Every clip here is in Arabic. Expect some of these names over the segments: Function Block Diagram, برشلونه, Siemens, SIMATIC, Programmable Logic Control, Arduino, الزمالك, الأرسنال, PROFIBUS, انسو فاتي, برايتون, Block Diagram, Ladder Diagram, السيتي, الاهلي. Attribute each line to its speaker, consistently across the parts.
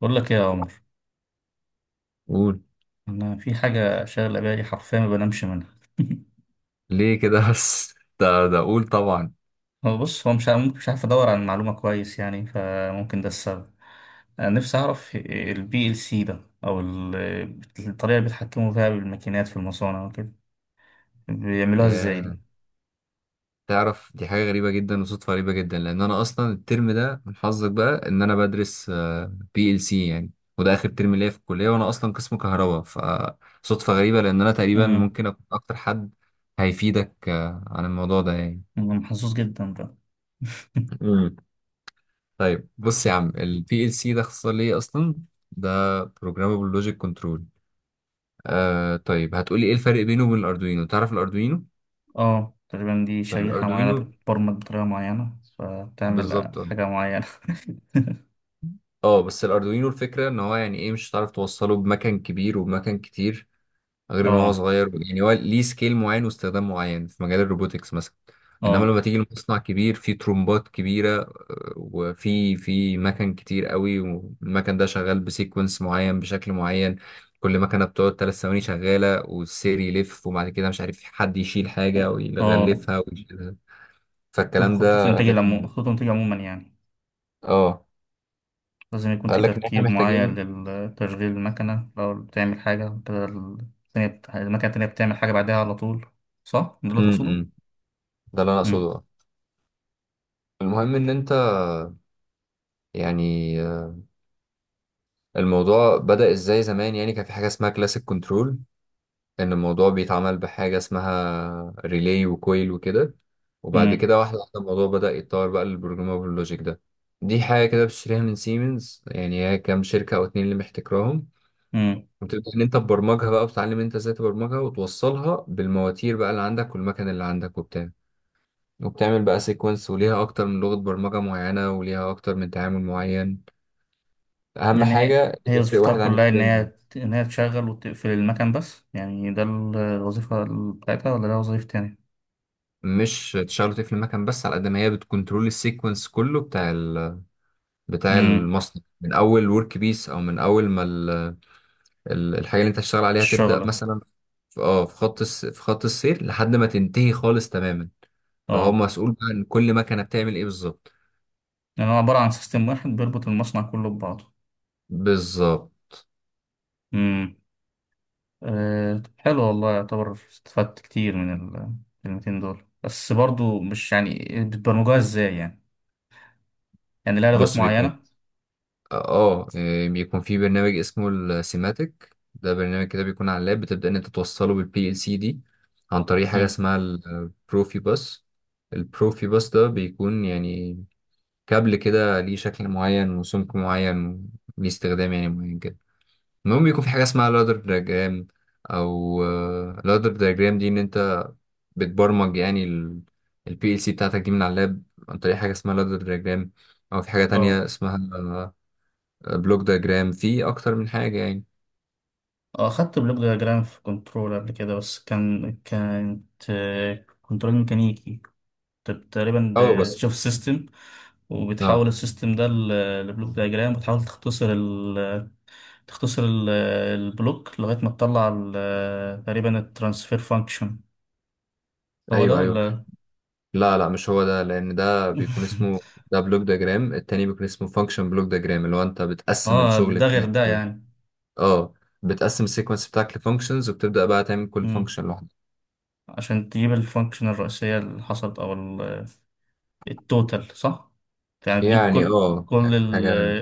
Speaker 1: بقول لك ايه يا عمر،
Speaker 2: قول.
Speaker 1: انا في حاجه شاغله بالي، حرفيا ما بنامش منها.
Speaker 2: ليه كده بس؟ ده اقول طبعا.
Speaker 1: هو بص، هو مش عارف- ممكن مش عارف ادور عن معلومه كويس، يعني فممكن ده السبب. انا نفسي اعرف البي ال سي ده، او الطريقه اللي بيتحكموا فيها بالماكينات في المصانع وكده، بيعملوها ازاي
Speaker 2: يا
Speaker 1: دي؟
Speaker 2: تعرف، دي حاجه غريبه جدا وصدفه غريبه جدا لان انا اصلا الترم ده من حظك بقى ان انا بدرس بي ال سي يعني. وده اخر ترم ليا في الكليه وانا اصلا قسم كهرباء، فصدفه غريبه لان انا تقريبا
Speaker 1: امم
Speaker 2: ممكن اكون اكتر حد هيفيدك عن الموضوع ده يعني.
Speaker 1: أنا محظوظ جدا ده.
Speaker 2: مم. طيب بص يا عم، البي ال سي ده اختصار ليه اصلا؟ ده Programmable Logic Control. طيب، هتقولي ايه الفرق بينه وبين الاردوينو؟ تعرف الاردوينو؟
Speaker 1: اه، تقريبا دي
Speaker 2: طيب
Speaker 1: شريحه معينه
Speaker 2: الاردوينو.
Speaker 1: بتبرمج بطريقه معينه فبتعمل
Speaker 2: بالظبط. اه.
Speaker 1: حاجه معينه.
Speaker 2: بس الاردوينو الفكره ان هو يعني ايه، مش هتعرف توصله بمكان كبير وبمكان كتير غير ان هو
Speaker 1: اه،
Speaker 2: صغير. يعني هو ليه سكيل معين واستخدام معين في مجال الروبوتكس مثلا. انما
Speaker 1: اه،
Speaker 2: لما تيجي لمصنع كبير فيه ترومبات كبيره وفي مكن كتير قوي، والمكن ده شغال بسيكونس معين بشكل معين. كل مكنه بتقعد 3 ثواني شغاله، والسير يلف، وبعد كده مش عارف، حد يشيل حاجه
Speaker 1: اه،
Speaker 2: ويغلفها ويشيلها، فالكلام ده. لكن
Speaker 1: خطوط الانتاج عموما يعني
Speaker 2: اه
Speaker 1: لازم يكون في
Speaker 2: قال لك ان احنا
Speaker 1: ترتيب معين
Speaker 2: محتاجين.
Speaker 1: لتشغيل المكنة، لو بتعمل حاجة كده التانية المكنة التانية بتعمل حاجة بعدها على طول، صح؟ ده
Speaker 2: م
Speaker 1: اللي تقصده؟
Speaker 2: -م. ده اللي انا
Speaker 1: مم.
Speaker 2: اقصده. المهم ان انت يعني، الموضوع بدأ ازاي زمان؟ يعني كان في حاجة اسمها كلاسيك كنترول، ان الموضوع بيتعمل بحاجة اسمها ريلي وكويل وكده. وبعد
Speaker 1: مم.
Speaker 2: كده واحدة واحدة الموضوع بدأ يتطور بقى للبروجرامابل لوجيك ده. دي حاجة كده بتشتريها من سيمنز، يعني هي كام شركة او اتنين اللي محتكراهم.
Speaker 1: مم.
Speaker 2: وتبدأ ان انت تبرمجها بقى، وتتعلم انت ازاي تبرمجها وتوصلها بالمواتير بقى اللي عندك والمكن اللي عندك وبتاع. وبتعمل بقى سيكونس، وليها اكتر من لغة برمجة معينة، وليها اكتر من تعامل معين، اهم
Speaker 1: يعني هي
Speaker 2: حاجه
Speaker 1: هي
Speaker 2: يفرق
Speaker 1: وظيفتها
Speaker 2: واحد عن
Speaker 1: كلها إن هي
Speaker 2: التاني.
Speaker 1: إن هي تشغل وتقفل المكن بس، يعني ده الوظيفة بتاعتها، ولا ده وظيفة تانية؟
Speaker 2: مش تشغله تقفل المكن بس، على قد ما هي بتكنترول السيكونس كله بتاع
Speaker 1: مم.
Speaker 2: المصنع، من اول ورك بيس او من اول ما الحاجه اللي انت هتشتغل عليها تبدا
Speaker 1: الشغلة.
Speaker 2: مثلا في خط السير لحد ما تنتهي خالص تماما. فهو
Speaker 1: اه،
Speaker 2: مسؤول بقى ان كل مكنه بتعمل ايه بالظبط.
Speaker 1: يعني هو عبارة عن سيستم واحد بيربط المصنع كله
Speaker 2: بالظبط.
Speaker 1: ببعضه. أه، طب حلو والله، يعتبر استفدت كتير من الكلمتين دول، بس برضو، مش يعني بتبرمجوها ازاي يعني لها لغات
Speaker 2: بص، بيكون
Speaker 1: معينة.
Speaker 2: اه إيه، بيكون في برنامج اسمه السيماتيك. ده برنامج كده بيكون على اللاب، بتبدأ ان انت توصله بالبي ال سي دي عن طريق حاجة
Speaker 1: مم.
Speaker 2: اسمها البروفي باس. البروفي باس ده بيكون يعني كابل كده، ليه شكل معين وسمك معين، ليه استخدام يعني معين كده. المهم بيكون في حاجة اسمها لادر دياجرام، او لادر دياجرام دي ان انت بتبرمج يعني البي ال سي بتاعتك دي من على اللاب عن طريق حاجة اسمها لادر دياجرام، او في حاجة تانية
Speaker 1: اه،
Speaker 2: اسمها بلوك دياجرام. في اكتر من حاجه يعني.
Speaker 1: خدت بلغة جرام في كنترول قبل كده، بس كانت كنترول ميكانيكي. كنت تقريبا
Speaker 2: اه، بس
Speaker 1: بتشوف السيستم،
Speaker 2: اه
Speaker 1: وبتحول السيستم ده لبلوك دياجرام، وتحاول تختصر البلوك لغاية ما تطلع تقريبا الترانسفير فانكشن. هو ده
Speaker 2: ايوه ايوه.
Speaker 1: ولا؟
Speaker 2: لا لا، مش هو ده، لان ده بلوك دياجرام التاني بيكون اسمه فانكشن بلوك دياجرام، اللي هو انت بتقسم
Speaker 1: اه،
Speaker 2: الشغل
Speaker 1: ده غير
Speaker 2: بتاعك
Speaker 1: ده
Speaker 2: أو-
Speaker 1: يعني؟
Speaker 2: اه بتقسم السيكونس بتاعك لفانكشنز، وبتبدا بقى تعمل كل
Speaker 1: مم.
Speaker 2: فانكشن لوحده.
Speaker 1: عشان تجيب الفانكشن الرئيسية اللي حصلت او التوتال، صح؟ يعني تجيب
Speaker 2: يعني
Speaker 1: كل كل
Speaker 2: حاجه.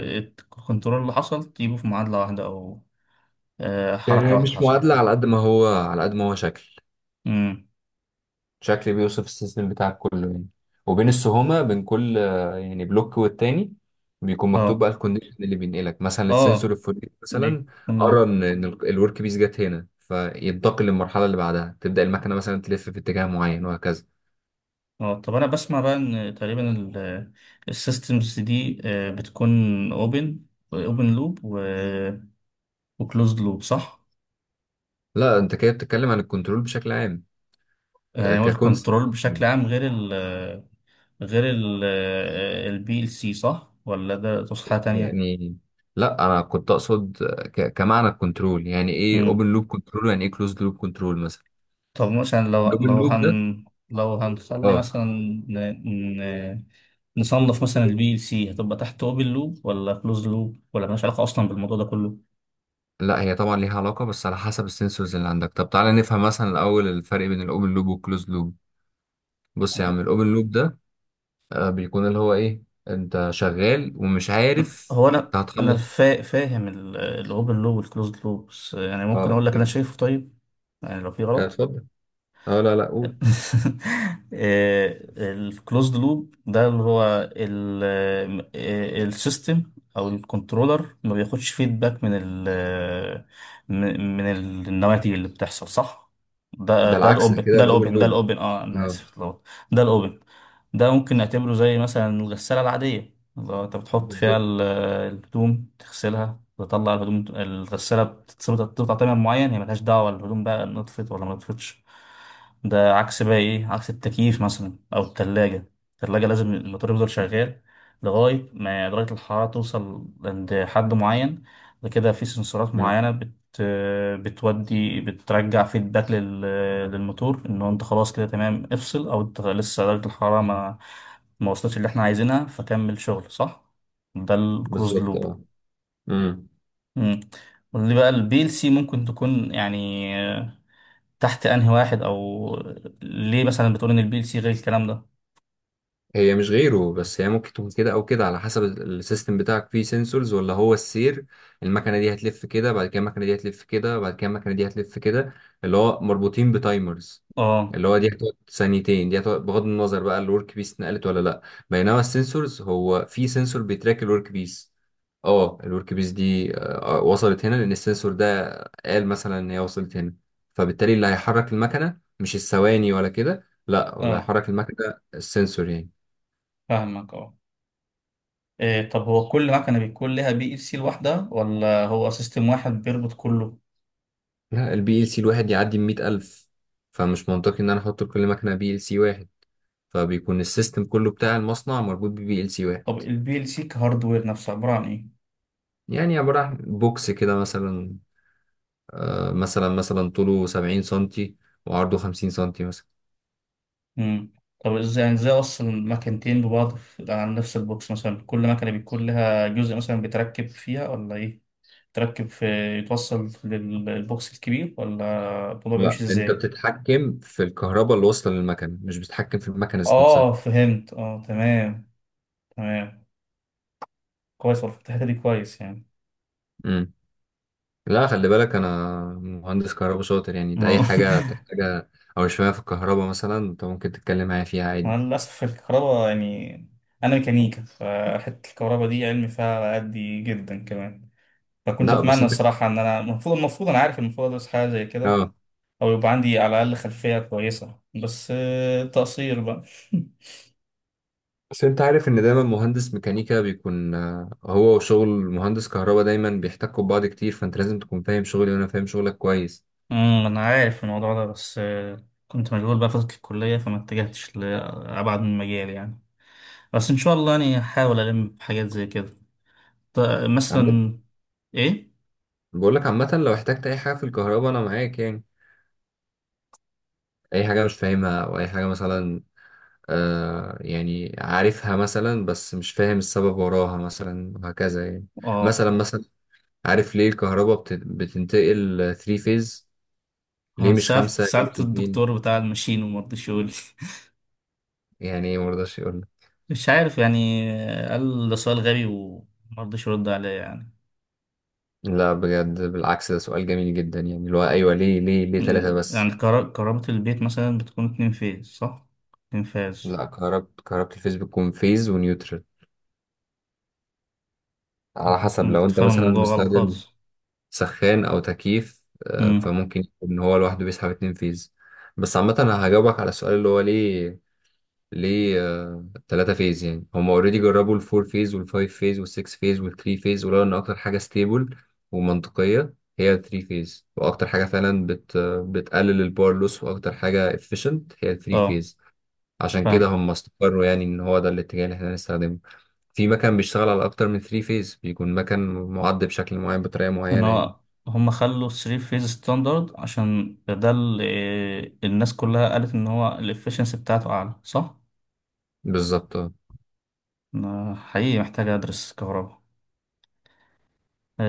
Speaker 1: الكنترول اللي حصل، تجيبه في معادلة واحدة، او حركة
Speaker 2: يعني
Speaker 1: واحدة
Speaker 2: مش
Speaker 1: حصلت.
Speaker 2: معادله، على قد ما هو شكل
Speaker 1: مم.
Speaker 2: شكل بيوصف السيستم بتاعك كله يعني، وبين السهومة بين كل يعني بلوك والتاني بيكون مكتوب
Speaker 1: اه،
Speaker 2: بقى الكونديشن اللي بينقلك، مثلا السنسور
Speaker 1: اه،
Speaker 2: الفلاني مثلا
Speaker 1: بيكون.
Speaker 2: قرا إن الورك بيس جت هنا، فينتقل للمرحلة اللي بعدها، تبدأ المكنة مثلا تلف في اتجاه معين وهكذا.
Speaker 1: اه، طب انا بسمع بقى ان تقريبا السيستمز دي بتكون اوبن اوبن لوب وكلوزد لوب، صح؟
Speaker 2: لا، انت كده بتتكلم عن الكنترول بشكل عام،
Speaker 1: يعني هو الكنترول
Speaker 2: ككونسبت
Speaker 1: بشكل عام غير البي ال سي، صح؟ ولا ده تصحيحة تانية؟
Speaker 2: يعني. لا، انا كنت اقصد كمعنى الكنترول، يعني ايه
Speaker 1: مم.
Speaker 2: اوبن لوب كنترول، يعني ايه كلوزد لوب كنترول مثلا.
Speaker 1: طب مثلا لو
Speaker 2: الاوبن
Speaker 1: لو
Speaker 2: لوب ده.
Speaker 1: هن لو هنخلي
Speaker 2: اه
Speaker 1: مثلا ن- نصنف مثلا البي ال سي، هتبقى تحت اوبن لوب ولا كلوز لوب، ولا مالهاش علاقة أصلا بالموضوع ده كله؟
Speaker 2: لا، هي طبعا ليها علاقة، بس على حسب السنسورز اللي عندك. طب تعالى نفهم مثلا الأول الفرق بين الأوبن لوب والكلوز لوب. بص يا
Speaker 1: يعني
Speaker 2: عم، الأوبن لوب ده بيكون اللي هو إيه، أنت شغال ومش عارف
Speaker 1: هو أنا
Speaker 2: أنت
Speaker 1: أنا
Speaker 2: هتخلص.
Speaker 1: فاهم الأوبن لوب والكلوز لوب، بس يعني ممكن
Speaker 2: أه،
Speaker 1: أقول لك أنا
Speaker 2: أوكي.
Speaker 1: شايفه، طيب؟ يعني لو في غلط.
Speaker 2: اتفضل. أه، لا لا، قول.
Speaker 1: الكلوزد لوب ده اللي هو السيستم او الكنترولر، ما بياخدش فيدباك من ال من من النواتج اللي بتحصل، صح؟ ده
Speaker 2: ده
Speaker 1: ده
Speaker 2: العكس، ده
Speaker 1: الاوبن،
Speaker 2: كده
Speaker 1: ده
Speaker 2: الأوبن
Speaker 1: الاوبن، ده
Speaker 2: لوب.
Speaker 1: الاوبن، انا
Speaker 2: أه.
Speaker 1: اسف اتلخبطت. ده الاوبن، ده ممكن نعتبره زي مثلا الغسالة العادية، لو انت بتحط فيها
Speaker 2: بالظبط.
Speaker 1: الهدوم تغسلها، تطلع الهدوم، الغسالة بتقطع تمام معين، هي ملهاش دعوة الهدوم بقى نطفت ولا ما نطفتش. ده عكس بقى ايه؟ عكس التكييف مثلا او التلاجة. التلاجة لازم الموتور يفضل شغال لغاية ما درجة الحرارة توصل عند حد معين، ده كده في سنسورات
Speaker 2: مم.
Speaker 1: معينة بتودي بترجع فيدباك للموتور، ان هو انت خلاص كده تمام افصل، او انت لسه درجة الحرارة ما وصلتش اللي احنا عايزينها، فكمل شغل، صح؟ ده الكلوز
Speaker 2: بالظبط.
Speaker 1: لوب.
Speaker 2: أه،
Speaker 1: امم قول لي بقى، البي ال سي ممكن تكون، يعني، تحت انهي واحد؟ او ليه مثلا بتقول ان البي ال سي غير الكلام ده؟
Speaker 2: هي مش غيره، بس هي ممكن تكون كده او كده على حسب السيستم بتاعك فيه سنسورز، ولا هو السير، المكنه دي هتلف كده، بعد كده المكنه دي هتلف كده، بعد كده المكنه دي هتلف كده، اللي هو مربوطين بتايمرز،
Speaker 1: اه،
Speaker 2: اللي هو دي هتقعد ثانيتين، دي هتقعد بغض النظر بقى الورك بيس اتنقلت ولا لا. بينما السنسورز، هو في سنسور بيتراك الورك بيس. اه، الورك بيس دي وصلت هنا لان السنسور ده قال مثلا ان هي وصلت هنا، فبالتالي اللي هيحرك المكنه مش الثواني ولا كده، لا، ولا
Speaker 1: اه،
Speaker 2: هيحرك المكنه السنسور يعني.
Speaker 1: فاهمك، اه. إيه، طب هو كل مكنه بيكون لها بي ال سي لوحدها، ولا هو سيستم واحد بيربط كله؟
Speaker 2: لا، البي ال سي الواحد يعدي ال 100,000، فمش منطقي إن أنا أحط لكل مكنة بي ال سي واحد، فبيكون السيستم كله بتاع المصنع مربوط ببي ال سي واحد.
Speaker 1: طب البي ال سي كهاردوير نفسه عباره عن ايه؟
Speaker 2: يعني عبارة عن بوكس كده مثلا، مثلا طوله 70 سنتي وعرضه 50 سنتي مثلا.
Speaker 1: امم طب ازاي، يعني ازاي اصلا مكنتين ببعض على نفس البوكس مثلا، كل مكنه بيكون لها جزء مثلا بيتركب فيها ولا ايه؟ تركب في يتوصل للبوكس الكبير، ولا الموضوع
Speaker 2: لا،
Speaker 1: بيمشي
Speaker 2: انت
Speaker 1: ازاي؟
Speaker 2: بتتحكم في الكهرباء اللي واصله للمكنه، مش بتتحكم في المكنه ذات نفسها.
Speaker 1: اه، فهمت، اه، تمام، تمام. كويس والله، في الحتة دي كويس يعني.
Speaker 2: امم. لا، خلي بالك انا مهندس كهرباء شاطر، يعني انت اي
Speaker 1: ما-
Speaker 2: حاجه تحتاجها او شويه في الكهرباء مثلا انت ممكن تتكلم معايا فيها
Speaker 1: أنا
Speaker 2: عادي.
Speaker 1: للأسف، الكهرباء يعني، أنا ميكانيكا، فحتة الكهرباء دي علمي فيها على قدي جدا كمان. فكنت
Speaker 2: لا بس
Speaker 1: أتمنى
Speaker 2: انت
Speaker 1: الصراحة إن أنا المفروض، أنا عارف المفروض أدرس حاجة زي كده،
Speaker 2: اه
Speaker 1: أو يبقى عندي على الأقل خلفية كويسة، بس تقصير بقى.
Speaker 2: بس انت عارف ان دايما مهندس ميكانيكا بيكون هو وشغل مهندس كهرباء دايما بيحتكوا ببعض كتير، فانت لازم تكون فاهم شغلي وانا فاهم شغلك كويس.
Speaker 1: أنا عارف الموضوع ده، بس كنت مشغول بقى فترة الكلية، فما اتجهتش لأبعد من المجال يعني. بس إن شاء الله يعني هحاول ألم بحاجات زي كده. ط-
Speaker 2: عامة
Speaker 1: مثلا. إيه؟
Speaker 2: بقول لك عامة لو احتجت اي حاجة في الكهرباء انا معاك، يعني اي حاجة مش فاهمها او اي حاجة مثلا يعني عارفها مثلا بس مش فاهم السبب وراها مثلا وهكذا يعني.
Speaker 1: اه،
Speaker 2: مثلا عارف ليه الكهرباء بتنتقل 3 فيز؟ ليه مش
Speaker 1: سألت
Speaker 2: خمسة؟ ليه مش
Speaker 1: سألت
Speaker 2: اتنين؟
Speaker 1: الدكتور بتاع الماشين، وما رضيش يقول لي.
Speaker 2: يعني مرضاش؟
Speaker 1: مش عارف يعني، قال ده سؤال غبي وما رضيش يرد عليا يعني.
Speaker 2: لا، بجد بالعكس، ده سؤال جميل جدا يعني، اللي هو ايوه ليه ليه ليه ثلاثة
Speaker 1: يعني
Speaker 2: بس.
Speaker 1: كهرباء البيت مثلا بتكون 2 فيز، صح؟ 2 فيز.
Speaker 2: لا، كهربة الفيز بتكون فيز ونيوترال، على
Speaker 1: صح.
Speaker 2: حسب.
Speaker 1: أنا
Speaker 2: لو
Speaker 1: كنت
Speaker 2: انت
Speaker 1: فاهم
Speaker 2: مثلا
Speaker 1: الموضوع غلط
Speaker 2: مستخدم
Speaker 1: خالص.
Speaker 2: سخان او تكييف
Speaker 1: امم
Speaker 2: فممكن يكون هو لوحده بيسحب 2 فيز. بس عامة انا هجاوبك على السؤال اللي هو ليه 3 فيز. يعني هم اوريدي جربوا الفور فيز والفايف فيز والسكس فيز والثري فيز، ولقوا ان اكتر حاجة ستيبل ومنطقية هي الثري فيز، واكتر حاجة فعلا بت آه، بتقلل الباور لوس، واكتر حاجة efficient هي الثري
Speaker 1: اه،
Speaker 2: فيز، عشان كده
Speaker 1: فاهم
Speaker 2: هم استقروا يعني ان هو ده الاتجاه اللي احنا هنستخدمه. في مكان بيشتغل على اكتر من ثري فيز، بيكون مكان معد بشكل معين بطريقة
Speaker 1: ان
Speaker 2: معينة يعني.
Speaker 1: هم خلوا 3 فيز ستاندرد، عشان ده اللي الناس كلها قالت ان هو الافشنسي بتاعته اعلى، صح؟
Speaker 2: بالظبط.
Speaker 1: أنا حقيقي محتاج ادرس كهرباء.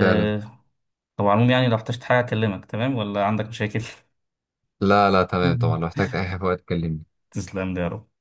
Speaker 2: فعلا.
Speaker 1: طبعا، العموم يعني لو احتجت حاجة أكلمك، تمام؟ ولا عندك مشاكل؟
Speaker 2: لا لا تمام، طبعا لو احتجت اي حاجة فوق اتكلمني.
Speaker 1: تسلم لي يا رب.